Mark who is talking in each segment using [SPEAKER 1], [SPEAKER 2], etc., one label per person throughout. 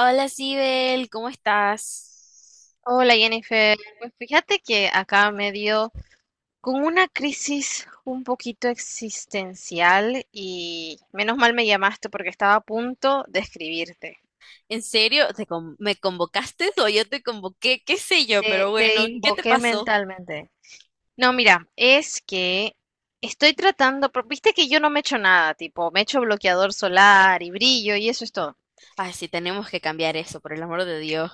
[SPEAKER 1] Hola, Sibel, ¿cómo estás?
[SPEAKER 2] Hola Jennifer, pues fíjate que acá me dio con una crisis un poquito existencial y menos mal me llamaste porque estaba a punto de escribirte.
[SPEAKER 1] ¿En serio? ¿Me convocaste o yo te convoqué? ¿Qué sé yo? Pero
[SPEAKER 2] Te,
[SPEAKER 1] bueno,
[SPEAKER 2] te
[SPEAKER 1] ¿qué te
[SPEAKER 2] invoqué
[SPEAKER 1] pasó?
[SPEAKER 2] mentalmente. No, mira, es que estoy tratando, pero viste que yo no me echo nada, tipo, me echo bloqueador solar y brillo y eso es todo.
[SPEAKER 1] Ay, sí, tenemos que cambiar eso, por el amor de Dios.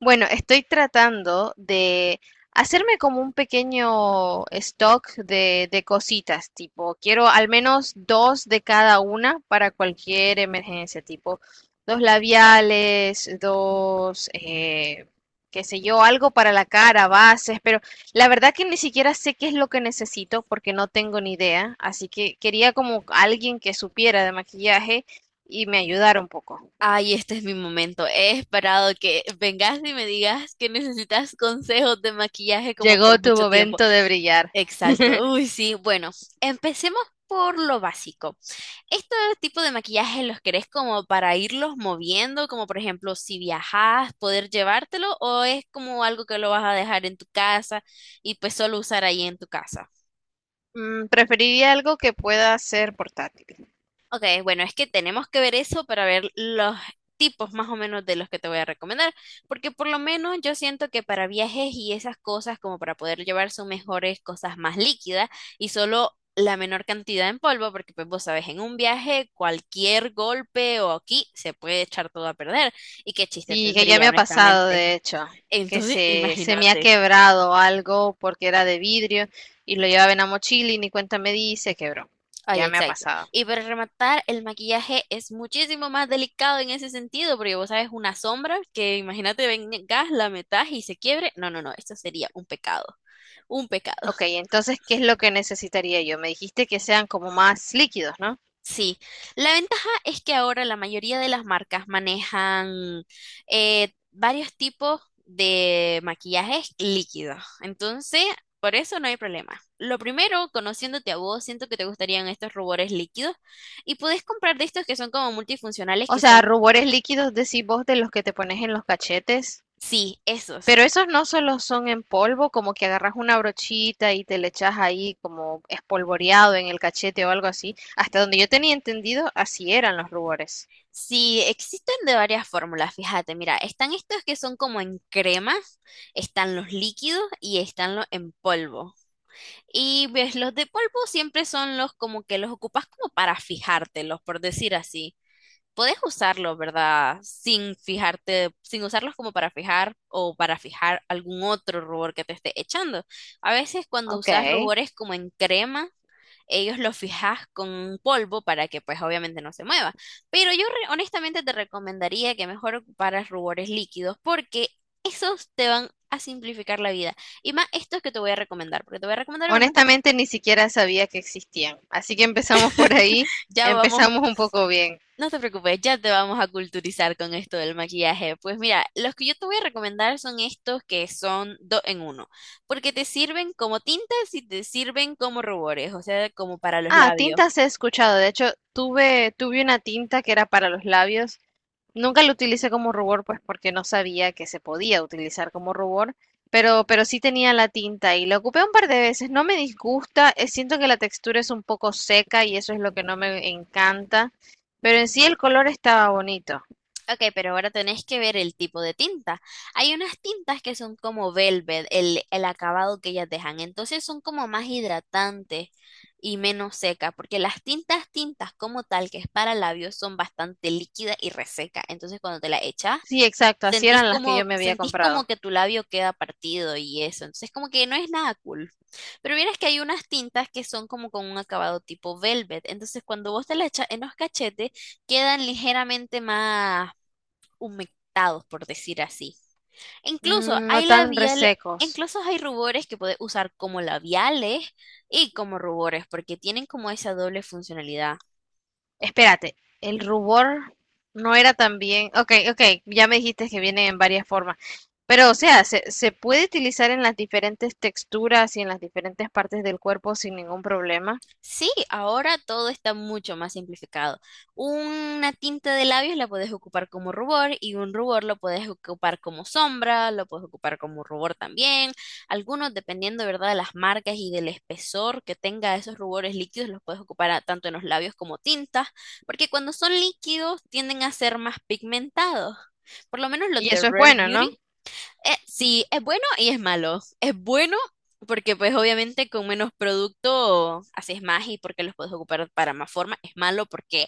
[SPEAKER 2] Bueno, estoy tratando de hacerme como un pequeño stock de cositas, tipo, quiero al menos dos de cada una para cualquier emergencia, tipo, dos labiales, dos, qué sé yo, algo para la cara, bases, pero la verdad que ni siquiera sé qué es lo que necesito porque no tengo ni idea, así que quería como alguien que supiera de maquillaje y me ayudara un poco.
[SPEAKER 1] Ay, este es mi momento. He esperado que vengas y me digas que necesitas consejos de maquillaje como
[SPEAKER 2] Llegó
[SPEAKER 1] por
[SPEAKER 2] tu
[SPEAKER 1] mucho tiempo.
[SPEAKER 2] momento de brillar.
[SPEAKER 1] Exacto. Uy, sí. Bueno, empecemos por lo básico. Este tipo de maquillaje los querés como para irlos moviendo, como por ejemplo si viajás, poder llevártelo, o es como algo que lo vas a dejar en tu casa y pues solo usar ahí en tu casa.
[SPEAKER 2] Mm, preferiría algo que pueda ser portátil.
[SPEAKER 1] Ok, bueno, es que tenemos que ver eso para ver los tipos más o menos de los que te voy a recomendar, porque por lo menos yo siento que para viajes y esas cosas, como para poder llevar son mejores cosas más líquidas y solo la menor cantidad en polvo, porque pues vos sabes, en un viaje cualquier golpe o aquí se puede echar todo a perder y qué chiste
[SPEAKER 2] Sí, que ya me
[SPEAKER 1] tendría,
[SPEAKER 2] ha pasado,
[SPEAKER 1] honestamente.
[SPEAKER 2] de hecho, que
[SPEAKER 1] Entonces,
[SPEAKER 2] se me ha
[SPEAKER 1] imagínate.
[SPEAKER 2] quebrado algo porque era de vidrio y lo llevaba en la mochila y ni cuenta me di y se quebró.
[SPEAKER 1] Ay,
[SPEAKER 2] Ya me ha
[SPEAKER 1] exacto.
[SPEAKER 2] pasado.
[SPEAKER 1] Y para rematar, el maquillaje es muchísimo más delicado en ese sentido, porque vos sabes, una sombra que imagínate vengas, la metas y se quiebre. No, no, no, esto sería un pecado, un pecado.
[SPEAKER 2] Ok, entonces, ¿qué es lo que necesitaría yo? Me dijiste que sean como más líquidos, ¿no?
[SPEAKER 1] Sí, la ventaja es que ahora la mayoría de las marcas manejan varios tipos de maquillajes líquidos. Entonces, por eso no hay problema. Lo primero, conociéndote a vos, siento que te gustarían estos rubores líquidos. Y puedes comprar de estos que son como multifuncionales,
[SPEAKER 2] O
[SPEAKER 1] que
[SPEAKER 2] sea,
[SPEAKER 1] son
[SPEAKER 2] rubores líquidos, decís vos, de los que te pones en los cachetes.
[SPEAKER 1] Sí, esos.
[SPEAKER 2] Pero esos no solo son en polvo, como que agarras una brochita y te le echas ahí como espolvoreado en el cachete o algo así. Hasta donde yo tenía entendido, así eran los rubores.
[SPEAKER 1] Sí, existen de varias fórmulas, fíjate, mira, están estos que son como en crema, están los líquidos y están los en polvo. Y ves, los de polvo siempre son los como que los ocupas como para fijártelos, por decir así. Puedes usarlos, ¿verdad? Sin fijarte, sin usarlos como para fijar o para fijar algún otro rubor que te esté echando. A veces cuando
[SPEAKER 2] Ok.
[SPEAKER 1] usas rubores como en crema, ellos lo fijas con un polvo para que pues obviamente no se mueva. Pero yo honestamente te recomendaría que mejor ocuparas rubores líquidos porque esos te van a simplificar la vida. Y más estos que te voy a recomendar, porque te voy a recomendar uno.
[SPEAKER 2] Honestamente, ni siquiera sabía que existían. Así que empezamos por ahí.
[SPEAKER 1] Ya vamos,
[SPEAKER 2] Empezamos un poco bien.
[SPEAKER 1] no te preocupes, ya te vamos a culturizar con esto del maquillaje. Pues mira, los que yo te voy a recomendar son estos que son dos en uno, porque te sirven como tintas y te sirven como rubores, o sea, como para los
[SPEAKER 2] Ah,
[SPEAKER 1] labios.
[SPEAKER 2] tintas he escuchado. De hecho, tuve una tinta que era para los labios. Nunca lo utilicé como rubor, pues porque no sabía que se podía utilizar como rubor, pero sí tenía la tinta y la ocupé un par de veces. No me disgusta, siento que la textura es un poco seca y eso es lo que no me encanta, pero en sí el color estaba bonito.
[SPEAKER 1] Ok, pero ahora tenés que ver el tipo de tinta. Hay unas tintas que son como velvet, el acabado que ellas dejan. Entonces son como más hidratantes y menos secas, porque las tintas, tintas como tal, que es para labios, son bastante líquidas y reseca, Entonces cuando te la echas,
[SPEAKER 2] Sí, exacto, así
[SPEAKER 1] sentís
[SPEAKER 2] eran las que
[SPEAKER 1] como,
[SPEAKER 2] yo me había
[SPEAKER 1] sentís como
[SPEAKER 2] comprado.
[SPEAKER 1] que tu labio queda partido y eso. Entonces como que no es nada cool. Pero vieras que hay unas tintas que son como con un acabado tipo velvet. Entonces cuando vos te la echas en los cachetes, quedan ligeramente más humectados, por decir así. Incluso
[SPEAKER 2] Mm, no
[SPEAKER 1] hay
[SPEAKER 2] tan
[SPEAKER 1] labiales,
[SPEAKER 2] resecos.
[SPEAKER 1] incluso hay rubores que puedes usar como labiales y como rubores, porque tienen como esa doble funcionalidad.
[SPEAKER 2] Espérate, el rubor no era tan bien. Ok, ok, ya me dijiste que viene en varias formas. Pero, o sea, se puede utilizar en las diferentes texturas y en las diferentes partes del cuerpo sin ningún problema.
[SPEAKER 1] Sí, ahora todo está mucho más simplificado. Una tinta de labios la puedes ocupar como rubor y un rubor lo puedes ocupar como sombra, lo puedes ocupar como rubor también. Algunos, dependiendo, ¿verdad?, de las marcas y del espesor que tenga esos rubores líquidos, los puedes ocupar tanto en los labios como tintas, porque cuando son líquidos tienden a ser más pigmentados. Por lo menos los
[SPEAKER 2] Y
[SPEAKER 1] de
[SPEAKER 2] eso es
[SPEAKER 1] Rare
[SPEAKER 2] bueno,
[SPEAKER 1] Beauty
[SPEAKER 2] ¿no?
[SPEAKER 1] sí, es bueno y es malo. Es bueno porque pues obviamente con menos producto haces más y porque los puedes ocupar para más forma. Es malo porque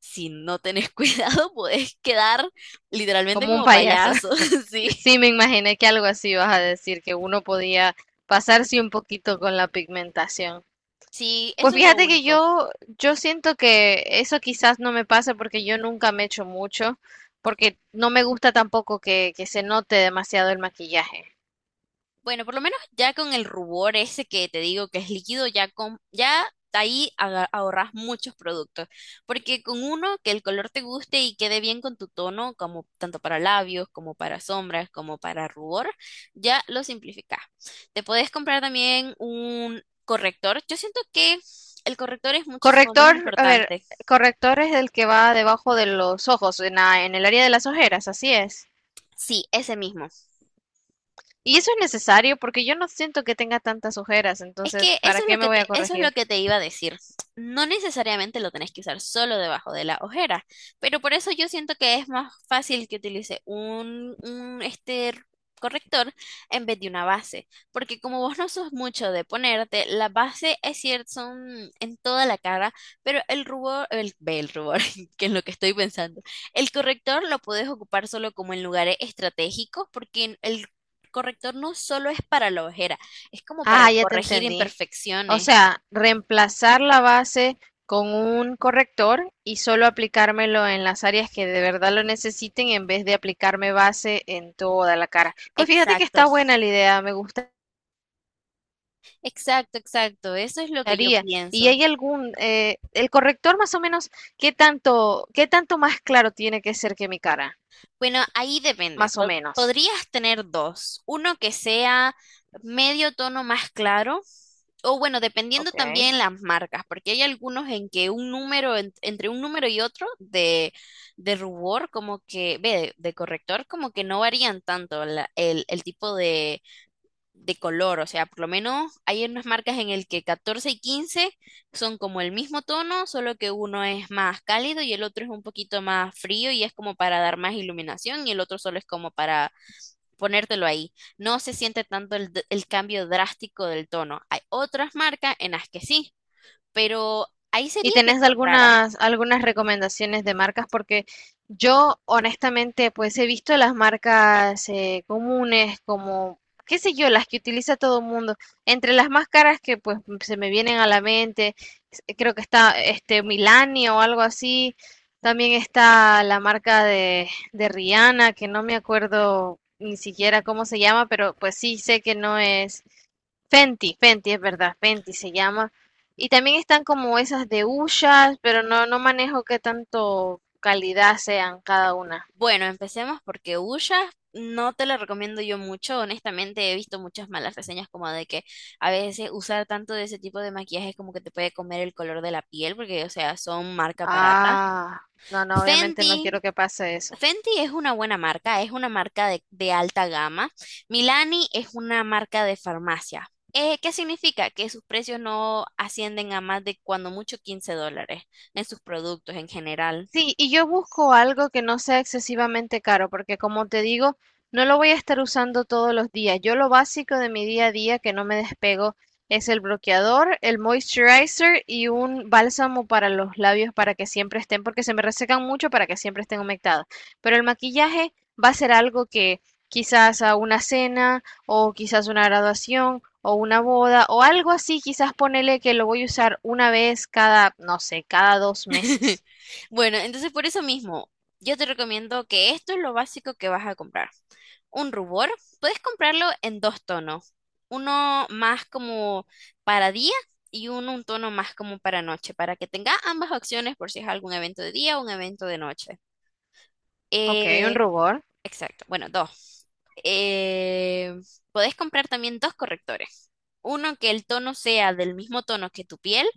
[SPEAKER 1] si no tenés cuidado puedes quedar literalmente
[SPEAKER 2] Como un
[SPEAKER 1] como
[SPEAKER 2] payaso.
[SPEAKER 1] payaso. Sí,
[SPEAKER 2] Sí, me imaginé que algo así vas a decir, que uno podía pasarse un poquito con la pigmentación.
[SPEAKER 1] sí,
[SPEAKER 2] Pues
[SPEAKER 1] eso es lo
[SPEAKER 2] fíjate que
[SPEAKER 1] único.
[SPEAKER 2] yo siento que eso quizás no me pasa porque yo nunca me echo mucho, porque no me gusta tampoco que se note demasiado el maquillaje.
[SPEAKER 1] Bueno, por lo menos ya con el rubor ese que te digo que es líquido, ya con, ya de ahí ahorras muchos productos. Porque con uno que el color te guste y quede bien con tu tono, como tanto para labios, como para sombras, como para rubor, ya lo simplificas. Te puedes comprar también un corrector. Yo siento que el corrector es muchísimo más
[SPEAKER 2] Corrector, a ver,
[SPEAKER 1] importante.
[SPEAKER 2] corrector es el que va debajo de los ojos, en el área de las ojeras, así es.
[SPEAKER 1] Sí, ese mismo.
[SPEAKER 2] Y eso es necesario porque yo no siento que tenga tantas ojeras,
[SPEAKER 1] Es
[SPEAKER 2] entonces,
[SPEAKER 1] que eso
[SPEAKER 2] ¿para
[SPEAKER 1] es
[SPEAKER 2] qué
[SPEAKER 1] lo
[SPEAKER 2] me
[SPEAKER 1] que
[SPEAKER 2] voy a
[SPEAKER 1] te, eso es lo
[SPEAKER 2] corregir?
[SPEAKER 1] que te iba a decir. No necesariamente lo tenés que usar solo debajo de la ojera, pero por eso yo siento que es más fácil que utilice un este corrector en vez de una base, porque como vos no sos mucho de ponerte, la base es cierto, son en toda la cara, pero el rubor, el rubor, que es lo que estoy pensando, el corrector lo podés ocupar solo como en lugares estratégicos, porque el corrector no solo es para la ojera, es como para
[SPEAKER 2] Ah, ya te
[SPEAKER 1] corregir
[SPEAKER 2] entendí. O
[SPEAKER 1] imperfecciones.
[SPEAKER 2] sea, reemplazar la base con un corrector y solo aplicármelo en las áreas que de verdad lo necesiten en vez de aplicarme base en toda la cara. Pues fíjate que
[SPEAKER 1] Exacto.
[SPEAKER 2] está buena la idea, me
[SPEAKER 1] Exacto, exacto. Eso es lo que yo
[SPEAKER 2] gustaría. ¿Y
[SPEAKER 1] pienso.
[SPEAKER 2] hay algún, el corrector más o menos, qué tanto más claro tiene que ser que mi cara?
[SPEAKER 1] Bueno, ahí depende.
[SPEAKER 2] Más o menos.
[SPEAKER 1] Podrías tener dos. Uno que sea medio tono más claro. O bueno, dependiendo
[SPEAKER 2] Ok.
[SPEAKER 1] también las marcas, porque hay algunos en que un número, entre un número y otro de rubor, como que, ve, de, corrector, como que no varían tanto el tipo de, color, o sea, por lo menos hay unas marcas en el que 14 y 15 son como el mismo tono, solo que uno es más cálido y el otro es un poquito más frío y es como para dar más iluminación y el otro solo es como para ponértelo ahí. No se siente tanto el, el cambio drástico del tono. Hay otras marcas en las que sí, pero ahí
[SPEAKER 2] ¿Y
[SPEAKER 1] sería que
[SPEAKER 2] tenés
[SPEAKER 1] encontraras.
[SPEAKER 2] algunas, algunas recomendaciones de marcas? Porque yo honestamente pues he visto las marcas comunes como, qué sé yo, las que utiliza todo el mundo. Entre las más caras que pues se me vienen a la mente, creo que está este Milani o algo así. También está la marca de Rihanna, que no me acuerdo ni siquiera cómo se llama, pero pues sí sé que no es Fenty, Fenty es verdad, Fenty se llama. Y también están como esas de Ushas, pero no, no manejo qué tanto calidad sean cada una.
[SPEAKER 1] Bueno, empecemos porque Ulla no te la recomiendo yo mucho. Honestamente, he visto muchas malas reseñas como de que a veces usar tanto de ese tipo de maquillaje es como que te puede comer el color de la piel, porque, o sea, son marca barata.
[SPEAKER 2] Ah, no, no, obviamente no
[SPEAKER 1] Fenty,
[SPEAKER 2] quiero que pase eso.
[SPEAKER 1] Fenty es una buena marca, es una marca de alta gama. Milani es una marca de farmacia. ¿Qué significa? Que sus precios no ascienden a más de cuando mucho $15 en sus productos en general.
[SPEAKER 2] Sí, y yo busco algo que no sea excesivamente caro, porque como te digo, no lo voy a estar usando todos los días. Yo lo básico de mi día a día que no me despego es el bloqueador, el moisturizer y un bálsamo para los labios para que siempre estén, porque se me resecan mucho para que siempre estén humectados. Pero el maquillaje va a ser algo que quizás a una cena o quizás una graduación o una boda o algo así, quizás ponele que lo voy a usar una vez cada, no sé, cada dos meses.
[SPEAKER 1] Bueno, entonces por eso mismo, yo te recomiendo que esto es lo básico que vas a comprar. Un rubor, puedes comprarlo en dos tonos, uno más como para día y uno un tono más como para noche, para que tenga ambas opciones por si es algún evento de día o un evento de noche.
[SPEAKER 2] Ok, un
[SPEAKER 1] Eh,
[SPEAKER 2] rubor.
[SPEAKER 1] exacto, bueno, dos. Eh, Puedes comprar también dos correctores, uno que el tono sea del mismo tono que tu piel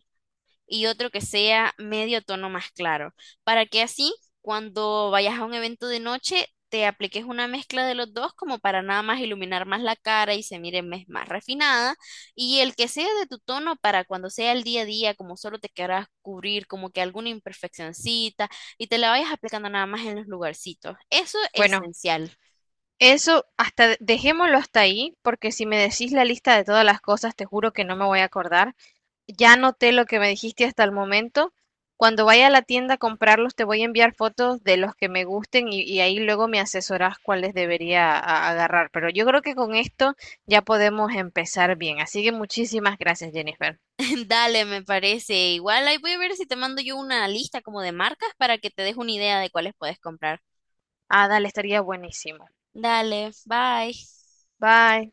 [SPEAKER 1] y otro que sea medio tono más claro, para que así cuando vayas a un evento de noche te apliques una mezcla de los dos como para nada más iluminar más la cara y se mire más refinada y el que sea de tu tono para cuando sea el día a día como solo te querrás cubrir como que alguna imperfeccioncita y te la vayas aplicando nada más en los lugarcitos. Eso es
[SPEAKER 2] Bueno,
[SPEAKER 1] esencial.
[SPEAKER 2] eso hasta dejémoslo hasta ahí, porque si me decís la lista de todas las cosas, te juro que no me voy a acordar. Ya noté lo que me dijiste hasta el momento. Cuando vaya a la tienda a comprarlos, te voy a enviar fotos de los que me gusten y ahí luego me asesorás cuáles debería agarrar. Pero yo creo que con esto ya podemos empezar bien. Así que muchísimas gracias, Jennifer.
[SPEAKER 1] Dale, me parece. Igual ahí voy a ver si te mando yo una lista como de marcas para que te des una idea de cuáles puedes comprar.
[SPEAKER 2] Ah, dale, estaría buenísimo.
[SPEAKER 1] Dale, bye.
[SPEAKER 2] Bye.